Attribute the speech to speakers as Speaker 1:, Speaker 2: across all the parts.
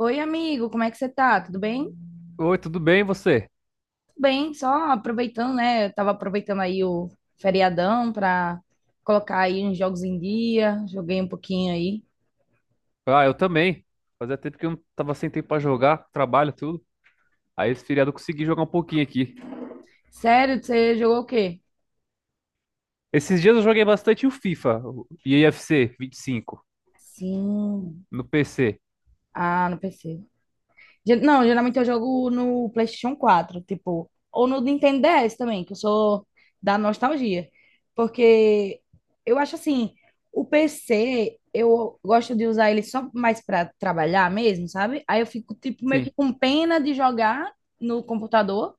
Speaker 1: Oi, amigo, como é que você tá? Tudo bem?
Speaker 2: Oi, tudo bem, e você?
Speaker 1: Tudo bem, só aproveitando, né? Eu tava aproveitando aí o feriadão pra colocar aí uns jogos em dia, joguei um pouquinho aí.
Speaker 2: Ah, eu também. Fazia tempo que eu não tava sem tempo pra jogar, trabalho, tudo. Aí esse feriado eu consegui jogar um pouquinho aqui.
Speaker 1: Sério, você jogou o quê?
Speaker 2: Esses dias eu joguei bastante o FIFA, o EFC 25,
Speaker 1: Sim.
Speaker 2: no PC.
Speaker 1: Ah, no PC. Não, geralmente eu jogo no PlayStation 4, tipo, ou no Nintendo DS também, que eu sou da nostalgia. Porque eu acho assim, o PC, eu gosto de usar ele só mais para trabalhar mesmo, sabe? Aí eu fico, tipo, meio que
Speaker 2: Sim.
Speaker 1: com pena de jogar no computador.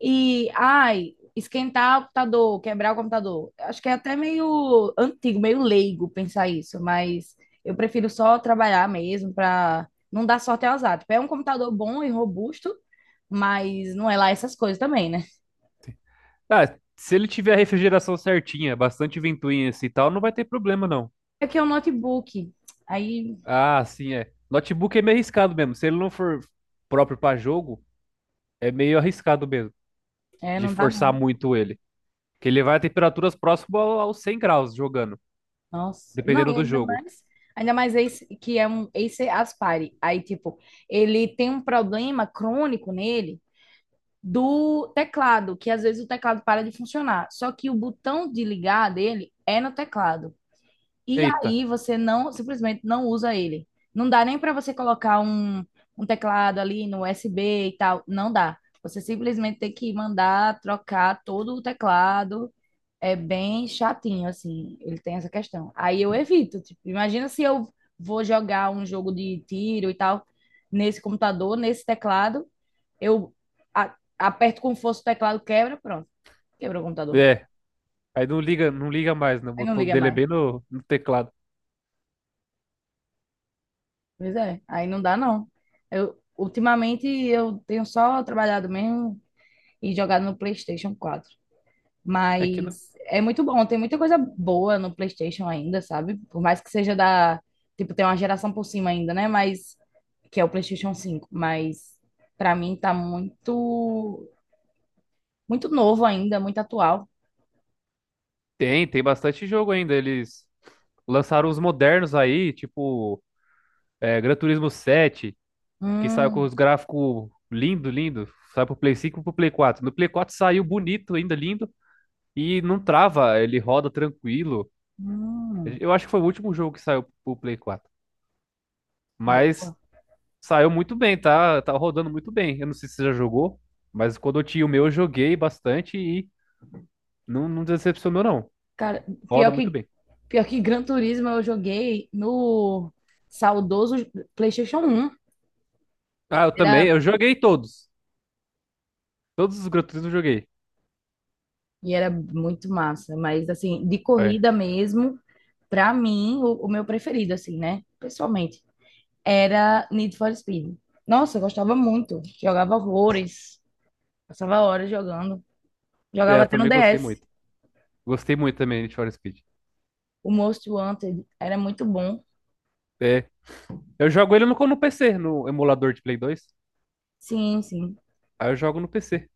Speaker 1: E, ai, esquentar o computador, quebrar o computador. Acho que é até meio antigo, meio leigo pensar isso, mas eu prefiro só trabalhar mesmo para não dar sorte ao azar. Tipo, é um computador bom e robusto, mas não é lá essas coisas também, né?
Speaker 2: Ah, se ele tiver a refrigeração certinha, bastante ventoinha assim e tal, não vai ter problema não.
Speaker 1: Aqui é um notebook, aí
Speaker 2: Ah, sim, é. Notebook é meio arriscado mesmo. Se ele não for próprio pra jogo, é meio arriscado mesmo
Speaker 1: é,
Speaker 2: de
Speaker 1: não dá
Speaker 2: forçar
Speaker 1: não.
Speaker 2: muito ele. Que ele vai a temperaturas próximas aos 100 graus jogando,
Speaker 1: Nossa, não, e
Speaker 2: dependendo do jogo.
Speaker 1: ainda mais esse que é um Acer Aspire. Aí, tipo, ele tem um problema crônico nele do teclado, que às vezes o teclado para de funcionar. Só que o botão de ligar dele é no teclado. E
Speaker 2: Eita.
Speaker 1: aí você não, simplesmente não usa ele. Não dá nem para você colocar um teclado ali no USB e tal. Não dá. Você simplesmente tem que mandar trocar todo o teclado. É bem chatinho, assim. Ele tem essa questão. Aí eu evito. Tipo, imagina se eu vou jogar um jogo de tiro e tal nesse computador, nesse teclado eu aperto com força o teclado, quebra, pronto, quebra o computador.
Speaker 2: É, aí não liga, não liga mais, né? O
Speaker 1: Aí não
Speaker 2: botão
Speaker 1: liga
Speaker 2: dele é
Speaker 1: mais.
Speaker 2: bem no teclado.
Speaker 1: Pois é, aí não dá não. Ultimamente eu tenho só trabalhado mesmo e jogado no PlayStation 4.
Speaker 2: É que não...
Speaker 1: Mas é muito bom, tem muita coisa boa no PlayStation ainda, sabe? Por mais que seja da, tipo, tem uma geração por cima ainda, né? Mas que é o PlayStation 5, mas pra mim tá muito muito novo ainda, muito atual.
Speaker 2: Tem bastante jogo ainda. Eles lançaram os modernos aí, tipo Gran Turismo 7, que saiu com
Speaker 1: Hum,
Speaker 2: os gráficos lindo, lindo. Sai pro Play 5 e pro Play 4. No Play 4 saiu bonito, ainda lindo, e não trava, ele roda tranquilo.
Speaker 1: hum,
Speaker 2: Eu acho que foi o último jogo que saiu pro Play 4. Mas
Speaker 1: boa.
Speaker 2: saiu muito bem, tá? Tá rodando muito bem. Eu não sei se você já jogou, mas quando eu tinha o meu, eu joguei bastante e não, não decepcionou, não.
Speaker 1: Cara,
Speaker 2: Roda
Speaker 1: pior
Speaker 2: muito
Speaker 1: que,
Speaker 2: bem.
Speaker 1: pior que Gran Turismo eu joguei no saudoso PlayStation 1.
Speaker 2: Ah, eu também.
Speaker 1: Era,
Speaker 2: Eu joguei todos. Todos os Gran Turismo eu joguei.
Speaker 1: e era muito massa, mas assim, de
Speaker 2: É.
Speaker 1: corrida mesmo, pra mim, o meu preferido, assim, né? Pessoalmente, era Need for Speed. Nossa, eu gostava muito. Jogava horrores. Passava horas jogando.
Speaker 2: É,
Speaker 1: Jogava
Speaker 2: eu
Speaker 1: até no
Speaker 2: também gostei
Speaker 1: DS.
Speaker 2: muito. Gostei muito também de Need for Speed.
Speaker 1: O Most Wanted era muito bom.
Speaker 2: É. Eu jogo ele no PC, no emulador de Play 2.
Speaker 1: Sim, sim.
Speaker 2: Aí eu jogo no PC.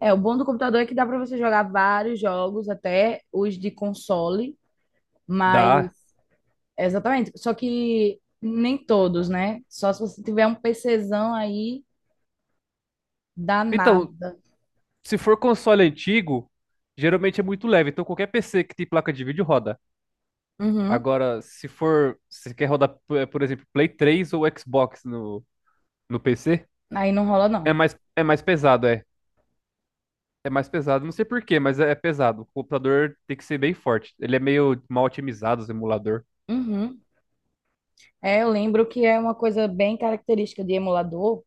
Speaker 1: É, o bom do computador é que dá pra você jogar vários jogos, até os de console, mas.
Speaker 2: Dá.
Speaker 1: Exatamente. Só que nem todos, né? Só se você tiver um PCzão aí
Speaker 2: Então,
Speaker 1: danada.
Speaker 2: se for console antigo, geralmente é muito leve. Então, qualquer PC que tem placa de vídeo roda.
Speaker 1: Uhum.
Speaker 2: Agora, se for. Se quer rodar, por exemplo, Play 3 ou Xbox no PC,
Speaker 1: Aí não rola, não.
Speaker 2: é mais pesado, é. É mais pesado, não sei por quê, mas é pesado. O computador tem que ser bem forte. Ele é meio mal otimizado, o emulador.
Speaker 1: Uhum. É, eu lembro que é uma coisa bem característica de emulador,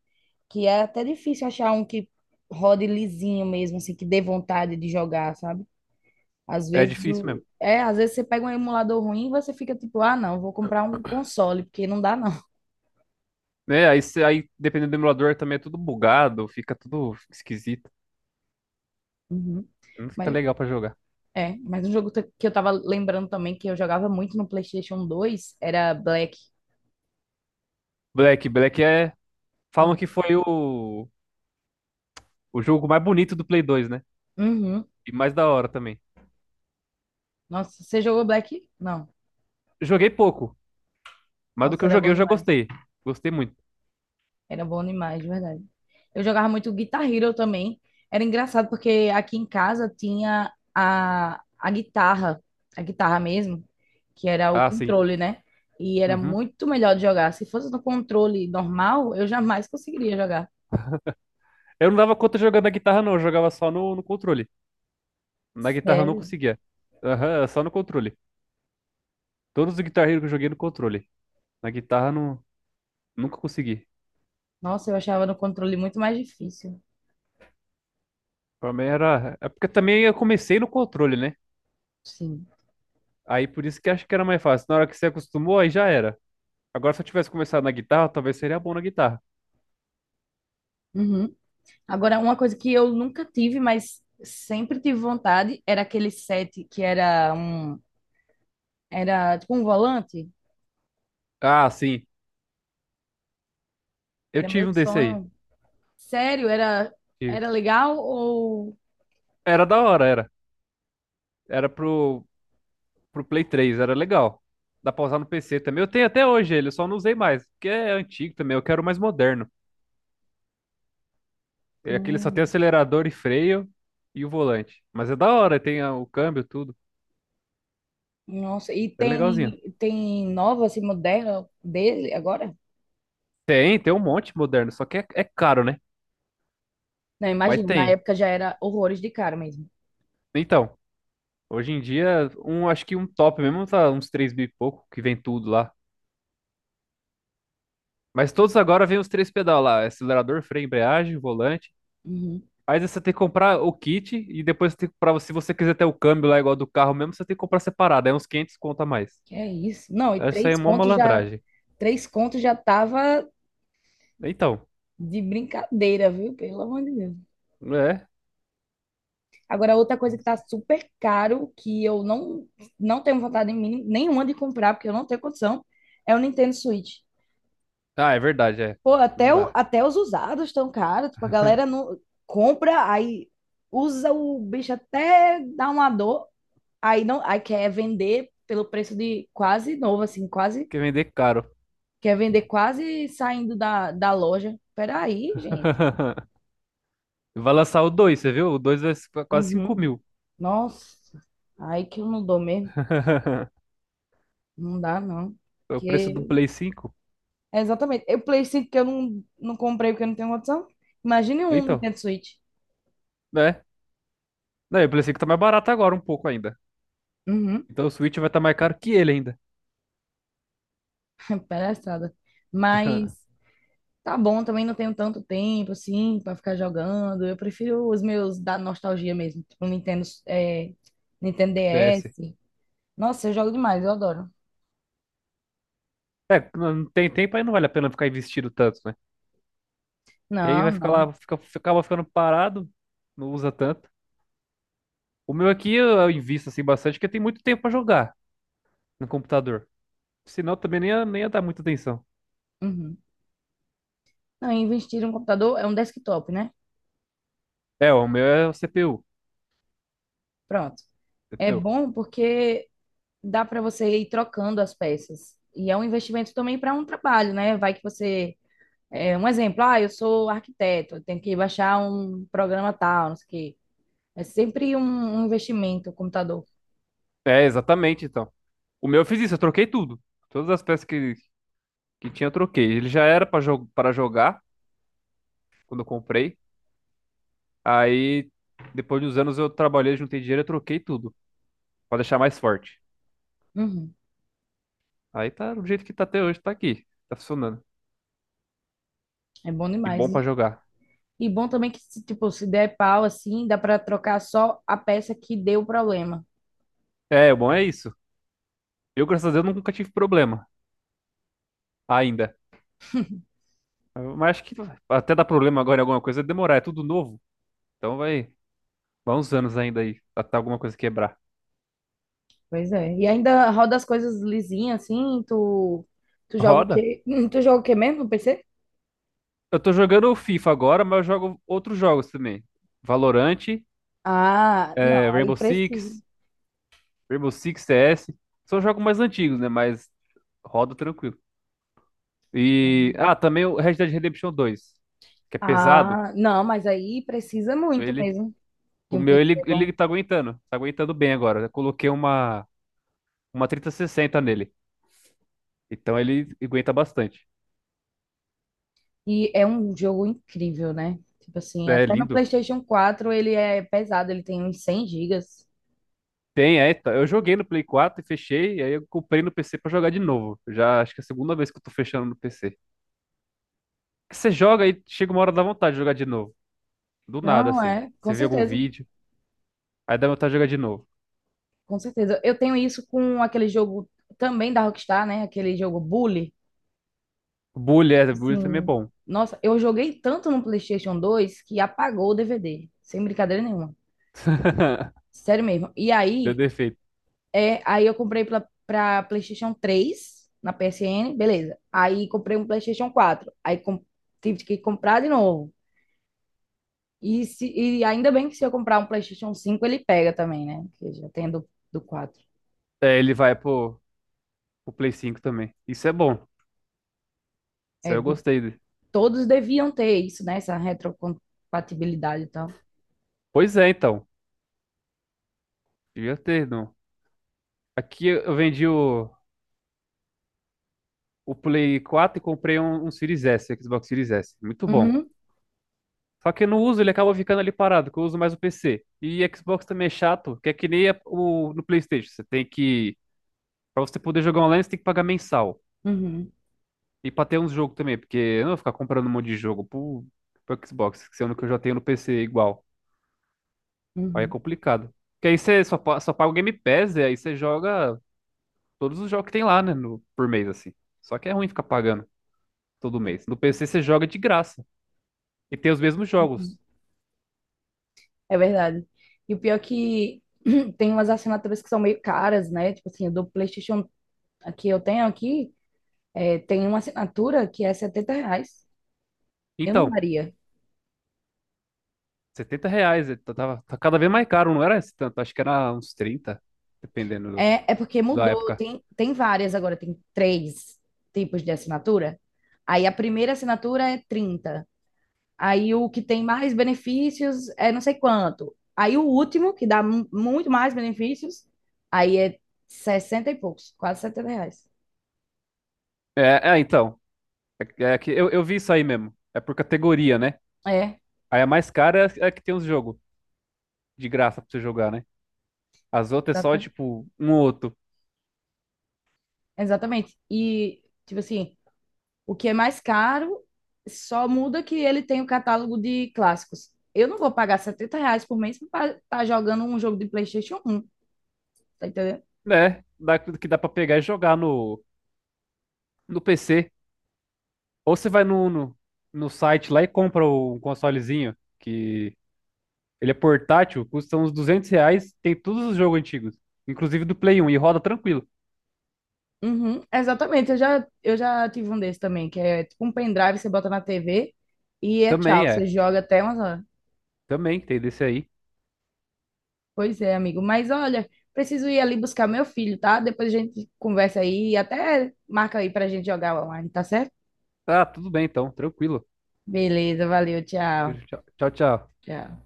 Speaker 1: que é até difícil achar um que rode lisinho mesmo, assim, que dê vontade de jogar, sabe? Às
Speaker 2: É
Speaker 1: vezes
Speaker 2: difícil
Speaker 1: o...
Speaker 2: mesmo.
Speaker 1: É, às vezes você pega um emulador ruim e você fica tipo, ah, não, vou comprar um console, porque não dá, não.
Speaker 2: Né? Aí, aí, dependendo do emulador, também é tudo bugado, fica tudo esquisito.
Speaker 1: Uhum.
Speaker 2: Não fica
Speaker 1: Mas
Speaker 2: legal pra jogar.
Speaker 1: mas um jogo que eu tava lembrando também que eu jogava muito no PlayStation 2 era Black.
Speaker 2: Black, Black é. Falam
Speaker 1: No-
Speaker 2: que foi o jogo mais bonito do Play 2, né?
Speaker 1: Uhum.
Speaker 2: E mais da hora também.
Speaker 1: Nossa, você jogou Black? Não.
Speaker 2: Joguei pouco, mas do
Speaker 1: Nossa,
Speaker 2: que eu
Speaker 1: era
Speaker 2: joguei
Speaker 1: bom
Speaker 2: eu já
Speaker 1: demais.
Speaker 2: gostei. Gostei muito.
Speaker 1: Era bom demais, de verdade. Eu jogava muito Guitar Hero também. Era engraçado porque aqui em casa tinha a guitarra, a guitarra mesmo, que era o
Speaker 2: Ah, sim.
Speaker 1: controle, né? E era
Speaker 2: Uhum.
Speaker 1: muito melhor de jogar. Se fosse no controle normal, eu jamais conseguiria jogar.
Speaker 2: Eu não dava conta jogando na guitarra, não. Eu jogava só no controle. Na guitarra eu não
Speaker 1: Sério.
Speaker 2: conseguia. Aham, só no controle. Todos os Guitar Hero que eu joguei no controle. Na guitarra não, nunca consegui.
Speaker 1: Nossa, eu achava no controle muito mais difícil.
Speaker 2: Pra mim era. É porque também eu comecei no controle, né?
Speaker 1: Sim.
Speaker 2: Aí por isso que acho que era mais fácil. Na hora que você acostumou, aí já era. Agora se eu tivesse começado na guitarra, talvez seria bom na guitarra.
Speaker 1: Uhum. Agora, uma coisa que eu nunca tive, mas sempre tive vontade, era aquele set que era tipo um volante.
Speaker 2: Ah, sim. Eu
Speaker 1: Era meu
Speaker 2: tive um desse aí.
Speaker 1: sonho. Sério, era,
Speaker 2: Tive.
Speaker 1: era legal ou.
Speaker 2: Era da hora, era. Era pro Play 3, era legal. Dá pra usar no PC também. Eu tenho até hoje ele, eu só não usei mais. Porque é antigo também, eu quero o mais moderno. É. Aquele só tem
Speaker 1: Hum,
Speaker 2: acelerador e freio e o volante. Mas é da hora, tem o câmbio, tudo.
Speaker 1: nossa, e
Speaker 2: É legalzinho.
Speaker 1: tem nova assim moderna dele agora?
Speaker 2: Tem um monte moderno, só que é caro, né?
Speaker 1: Não,
Speaker 2: Mas
Speaker 1: imagino, na
Speaker 2: tem.
Speaker 1: época já era horrores de cara mesmo.
Speaker 2: Então, hoje em dia, um, acho que um top mesmo tá uns 3 mil e pouco, que vem tudo lá. Mas todos agora vem os três pedal lá, acelerador, freio, embreagem, volante.
Speaker 1: Uhum.
Speaker 2: Aí você tem que comprar o kit e depois tem que comprar, se você quiser ter o câmbio lá igual do carro mesmo, você tem que comprar separado, é uns 500 conta a mais.
Speaker 1: Que é isso? Não, e
Speaker 2: Eu acho isso aí é
Speaker 1: três
Speaker 2: uma
Speaker 1: contos já
Speaker 2: malandragem.
Speaker 1: três contos já tava
Speaker 2: Então,
Speaker 1: de brincadeira, viu? Pelo amor de Deus.
Speaker 2: é.
Speaker 1: Agora, outra coisa que tá super caro, que eu não, não tenho vontade em mim, nenhuma de comprar, porque eu não tenho condição, é o Nintendo Switch.
Speaker 2: Ah, é verdade, é.
Speaker 1: Pô,
Speaker 2: Não dá.
Speaker 1: até os usados estão caros. Tipo, a galera não compra, aí usa o bicho até dar uma dor, aí não, aí quer vender pelo preço de quase novo, assim, quase.
Speaker 2: Porque vender caro.
Speaker 1: Quer vender quase saindo da loja. Peraí, gente.
Speaker 2: Vai lançar o 2 você viu? O 2 vai quase 5
Speaker 1: Uhum.
Speaker 2: mil.
Speaker 1: Nossa, aí que eu não dou mesmo. Não dá, não.
Speaker 2: O preço do
Speaker 1: Porque.
Speaker 2: Play 5.
Speaker 1: É, exatamente. Eu Play 5 que eu não, não comprei porque eu não tenho condição. Imagine um
Speaker 2: Então,
Speaker 1: Nintendo Switch.
Speaker 2: né? Não, e o Play 5 tá mais barato agora um pouco ainda.
Speaker 1: Uhum.
Speaker 2: Então o Switch vai estar mais caro que ele ainda.
Speaker 1: É palhaçada. Mas tá bom, também não tenho tanto tempo assim pra ficar jogando. Eu prefiro os meus da nostalgia mesmo, tipo Nintendo, é, Nintendo
Speaker 2: DS.
Speaker 1: DS. Nossa, eu jogo demais, eu adoro.
Speaker 2: É, não tem tempo aí não vale a pena ficar investindo tanto, né? Que aí
Speaker 1: Não,
Speaker 2: vai ficar
Speaker 1: não.
Speaker 2: lá, acaba ficando parado, não usa tanto. O meu aqui eu invisto assim bastante, porque tem muito tempo pra jogar no computador. Senão também nem ia dar muita atenção.
Speaker 1: Uhum. Não, investir em um computador é um desktop, né?
Speaker 2: É, o meu é o CPU.
Speaker 1: Pronto. É
Speaker 2: CPU.
Speaker 1: bom porque dá para você ir trocando as peças. E é um investimento também para um trabalho, né? Vai que você. É, um exemplo, ah, eu sou arquiteto, eu tenho que baixar um programa tal, não sei o quê. É sempre um investimento, o computador.
Speaker 2: É, exatamente, então. O meu eu fiz isso, eu troquei tudo. Todas as peças que tinha eu troquei. Ele já era pra jo para jogar, quando eu comprei. Aí, depois de uns anos, eu trabalhei, juntei dinheiro, eu troquei tudo pra deixar mais forte.
Speaker 1: Uhum,
Speaker 2: Aí tá do jeito que tá até hoje, tá aqui. Tá funcionando.
Speaker 1: é bom
Speaker 2: E
Speaker 1: demais.
Speaker 2: bom pra jogar.
Speaker 1: E bom também que, se, tipo, se der pau, assim, dá para trocar só a peça que deu o problema.
Speaker 2: É, o bom é isso. Eu, graças a Deus, nunca tive problema ainda. Mas acho que até dar problema agora em alguma coisa é demorar, é tudo novo. Então vai uns anos ainda aí, até alguma coisa quebrar.
Speaker 1: Pois é. E ainda roda as coisas lisinhas, assim, tu joga o
Speaker 2: Roda.
Speaker 1: quê? Tu joga o quê mesmo no PC?
Speaker 2: Eu tô jogando o FIFA agora, mas eu jogo outros jogos também. Valorant,
Speaker 1: Ah, não, aí
Speaker 2: Rainbow
Speaker 1: precisa.
Speaker 2: Six, Rainbow Six CS. São jogos mais antigos, né? Mas roda tranquilo. E. Ah, também o Red Dead Redemption 2, que é pesado.
Speaker 1: Ah, não, mas aí precisa muito
Speaker 2: Ele.
Speaker 1: mesmo de
Speaker 2: O
Speaker 1: um
Speaker 2: meu,
Speaker 1: PC
Speaker 2: ele,
Speaker 1: bom.
Speaker 2: ele tá aguentando. Tá aguentando bem agora. Eu coloquei uma 3060 nele. Então ele aguenta bastante.
Speaker 1: E é um jogo incrível, né? Tipo assim,
Speaker 2: É
Speaker 1: até no
Speaker 2: lindo.
Speaker 1: PlayStation 4 ele é pesado, ele tem uns 100 gigas.
Speaker 2: Tem, é. Tá. Eu joguei no Play 4 e fechei. E aí eu comprei no PC pra jogar de novo. Já acho que é a segunda vez que eu tô fechando no PC. Você joga e chega uma hora da vontade de jogar de novo. Do nada,
Speaker 1: Não,
Speaker 2: assim.
Speaker 1: é, com
Speaker 2: Você vê algum
Speaker 1: certeza,
Speaker 2: vídeo, aí dá vontade de jogar de novo.
Speaker 1: com certeza. Eu tenho isso com aquele jogo também da Rockstar, né? Aquele jogo Bully.
Speaker 2: Bully, Bully também é
Speaker 1: Assim,
Speaker 2: bom.
Speaker 1: nossa, eu joguei tanto no PlayStation 2 que apagou o DVD, sem brincadeira nenhuma. Sério mesmo. E
Speaker 2: Deu
Speaker 1: aí,
Speaker 2: defeito.
Speaker 1: é, aí eu comprei pra, pra PlayStation 3 na PSN, beleza. Aí comprei um PlayStation 4. Aí tive que comprar de novo. E ainda bem que se eu comprar um PlayStation 5 ele pega também, né? Que já tem do quatro.
Speaker 2: É, ele vai, pô. O Play 5 também. Isso é bom. Isso
Speaker 1: É,
Speaker 2: aí eu gostei dele.
Speaker 1: todos deviam ter isso, né? Essa retrocompatibilidade e tal.
Speaker 2: Pois é, então. Devia ter, não. Aqui eu vendi o Play 4 e comprei um Series S, Xbox Series S. Muito bom.
Speaker 1: Uhum,
Speaker 2: Só que eu não uso, ele acaba ficando ali parado, que eu uso mais o PC. E Xbox também é chato, que é que nem o, no PlayStation. Você tem que. Pra você poder jogar online, você tem que pagar mensal.
Speaker 1: uhum,
Speaker 2: E pra ter uns jogos também, porque eu não vou ficar comprando um monte de jogo pro Xbox, sendo que eu já tenho no PC igual. Aí é
Speaker 1: uhum,
Speaker 2: complicado. Porque aí você só, só paga o Game Pass, e aí você joga todos os jogos que tem lá, né? No, por mês, assim. Só que é ruim ficar pagando todo mês. No PC você joga de graça. E tem os mesmos
Speaker 1: uhum.
Speaker 2: jogos.
Speaker 1: É verdade. E o pior é que tem umas assinaturas que são meio caras, né? Tipo assim, do PlayStation que eu tenho aqui, é, tem uma assinatura que é 70 reais. Eu não
Speaker 2: Então,
Speaker 1: daria.
Speaker 2: R$ 70. Tá, tá cada vez mais caro, não era esse tanto. Acho que era uns 30, dependendo
Speaker 1: É porque
Speaker 2: da
Speaker 1: mudou,
Speaker 2: época.
Speaker 1: tem várias agora, tem três tipos de assinatura. Aí a primeira assinatura é 30. Aí o que tem mais benefícios é não sei quanto. Aí o último, que dá muito mais benefícios, aí é 60 e poucos, quase 70 reais.
Speaker 2: É, é, então. É, é que eu vi isso aí mesmo. É por categoria, né?
Speaker 1: É,
Speaker 2: Aí a mais cara é, é a que tem uns jogos de graça pra você jogar, né? As outras é só,
Speaker 1: exata-
Speaker 2: tipo, um ou outro.
Speaker 1: exatamente. E, tipo assim, o que é mais caro só muda que ele tem o catálogo de clássicos. Eu não vou pagar 70 reais por mês para estar jogando um jogo de PlayStation 1, tá entendendo?
Speaker 2: Né? Dá, que dá pra pegar e jogar no PC. Ou você vai no site lá e compra um consolezinho, que ele é portátil, custa uns R$ 200, tem todos os jogos antigos, inclusive do Play 1, e roda tranquilo.
Speaker 1: Uhum, exatamente, eu já tive um desse também, que é tipo um pendrive, você bota na TV e é tchau,
Speaker 2: Também
Speaker 1: você
Speaker 2: é,
Speaker 1: joga até umas horas.
Speaker 2: também tem desse aí.
Speaker 1: Pois é, amigo, mas olha, preciso ir ali buscar meu filho, tá? Depois a gente conversa aí e até marca aí pra gente jogar online, tá certo?
Speaker 2: Ah, tudo bem então, tranquilo.
Speaker 1: Beleza, valeu,
Speaker 2: Tchau,
Speaker 1: tchau,
Speaker 2: tchau. Tchau.
Speaker 1: tchau.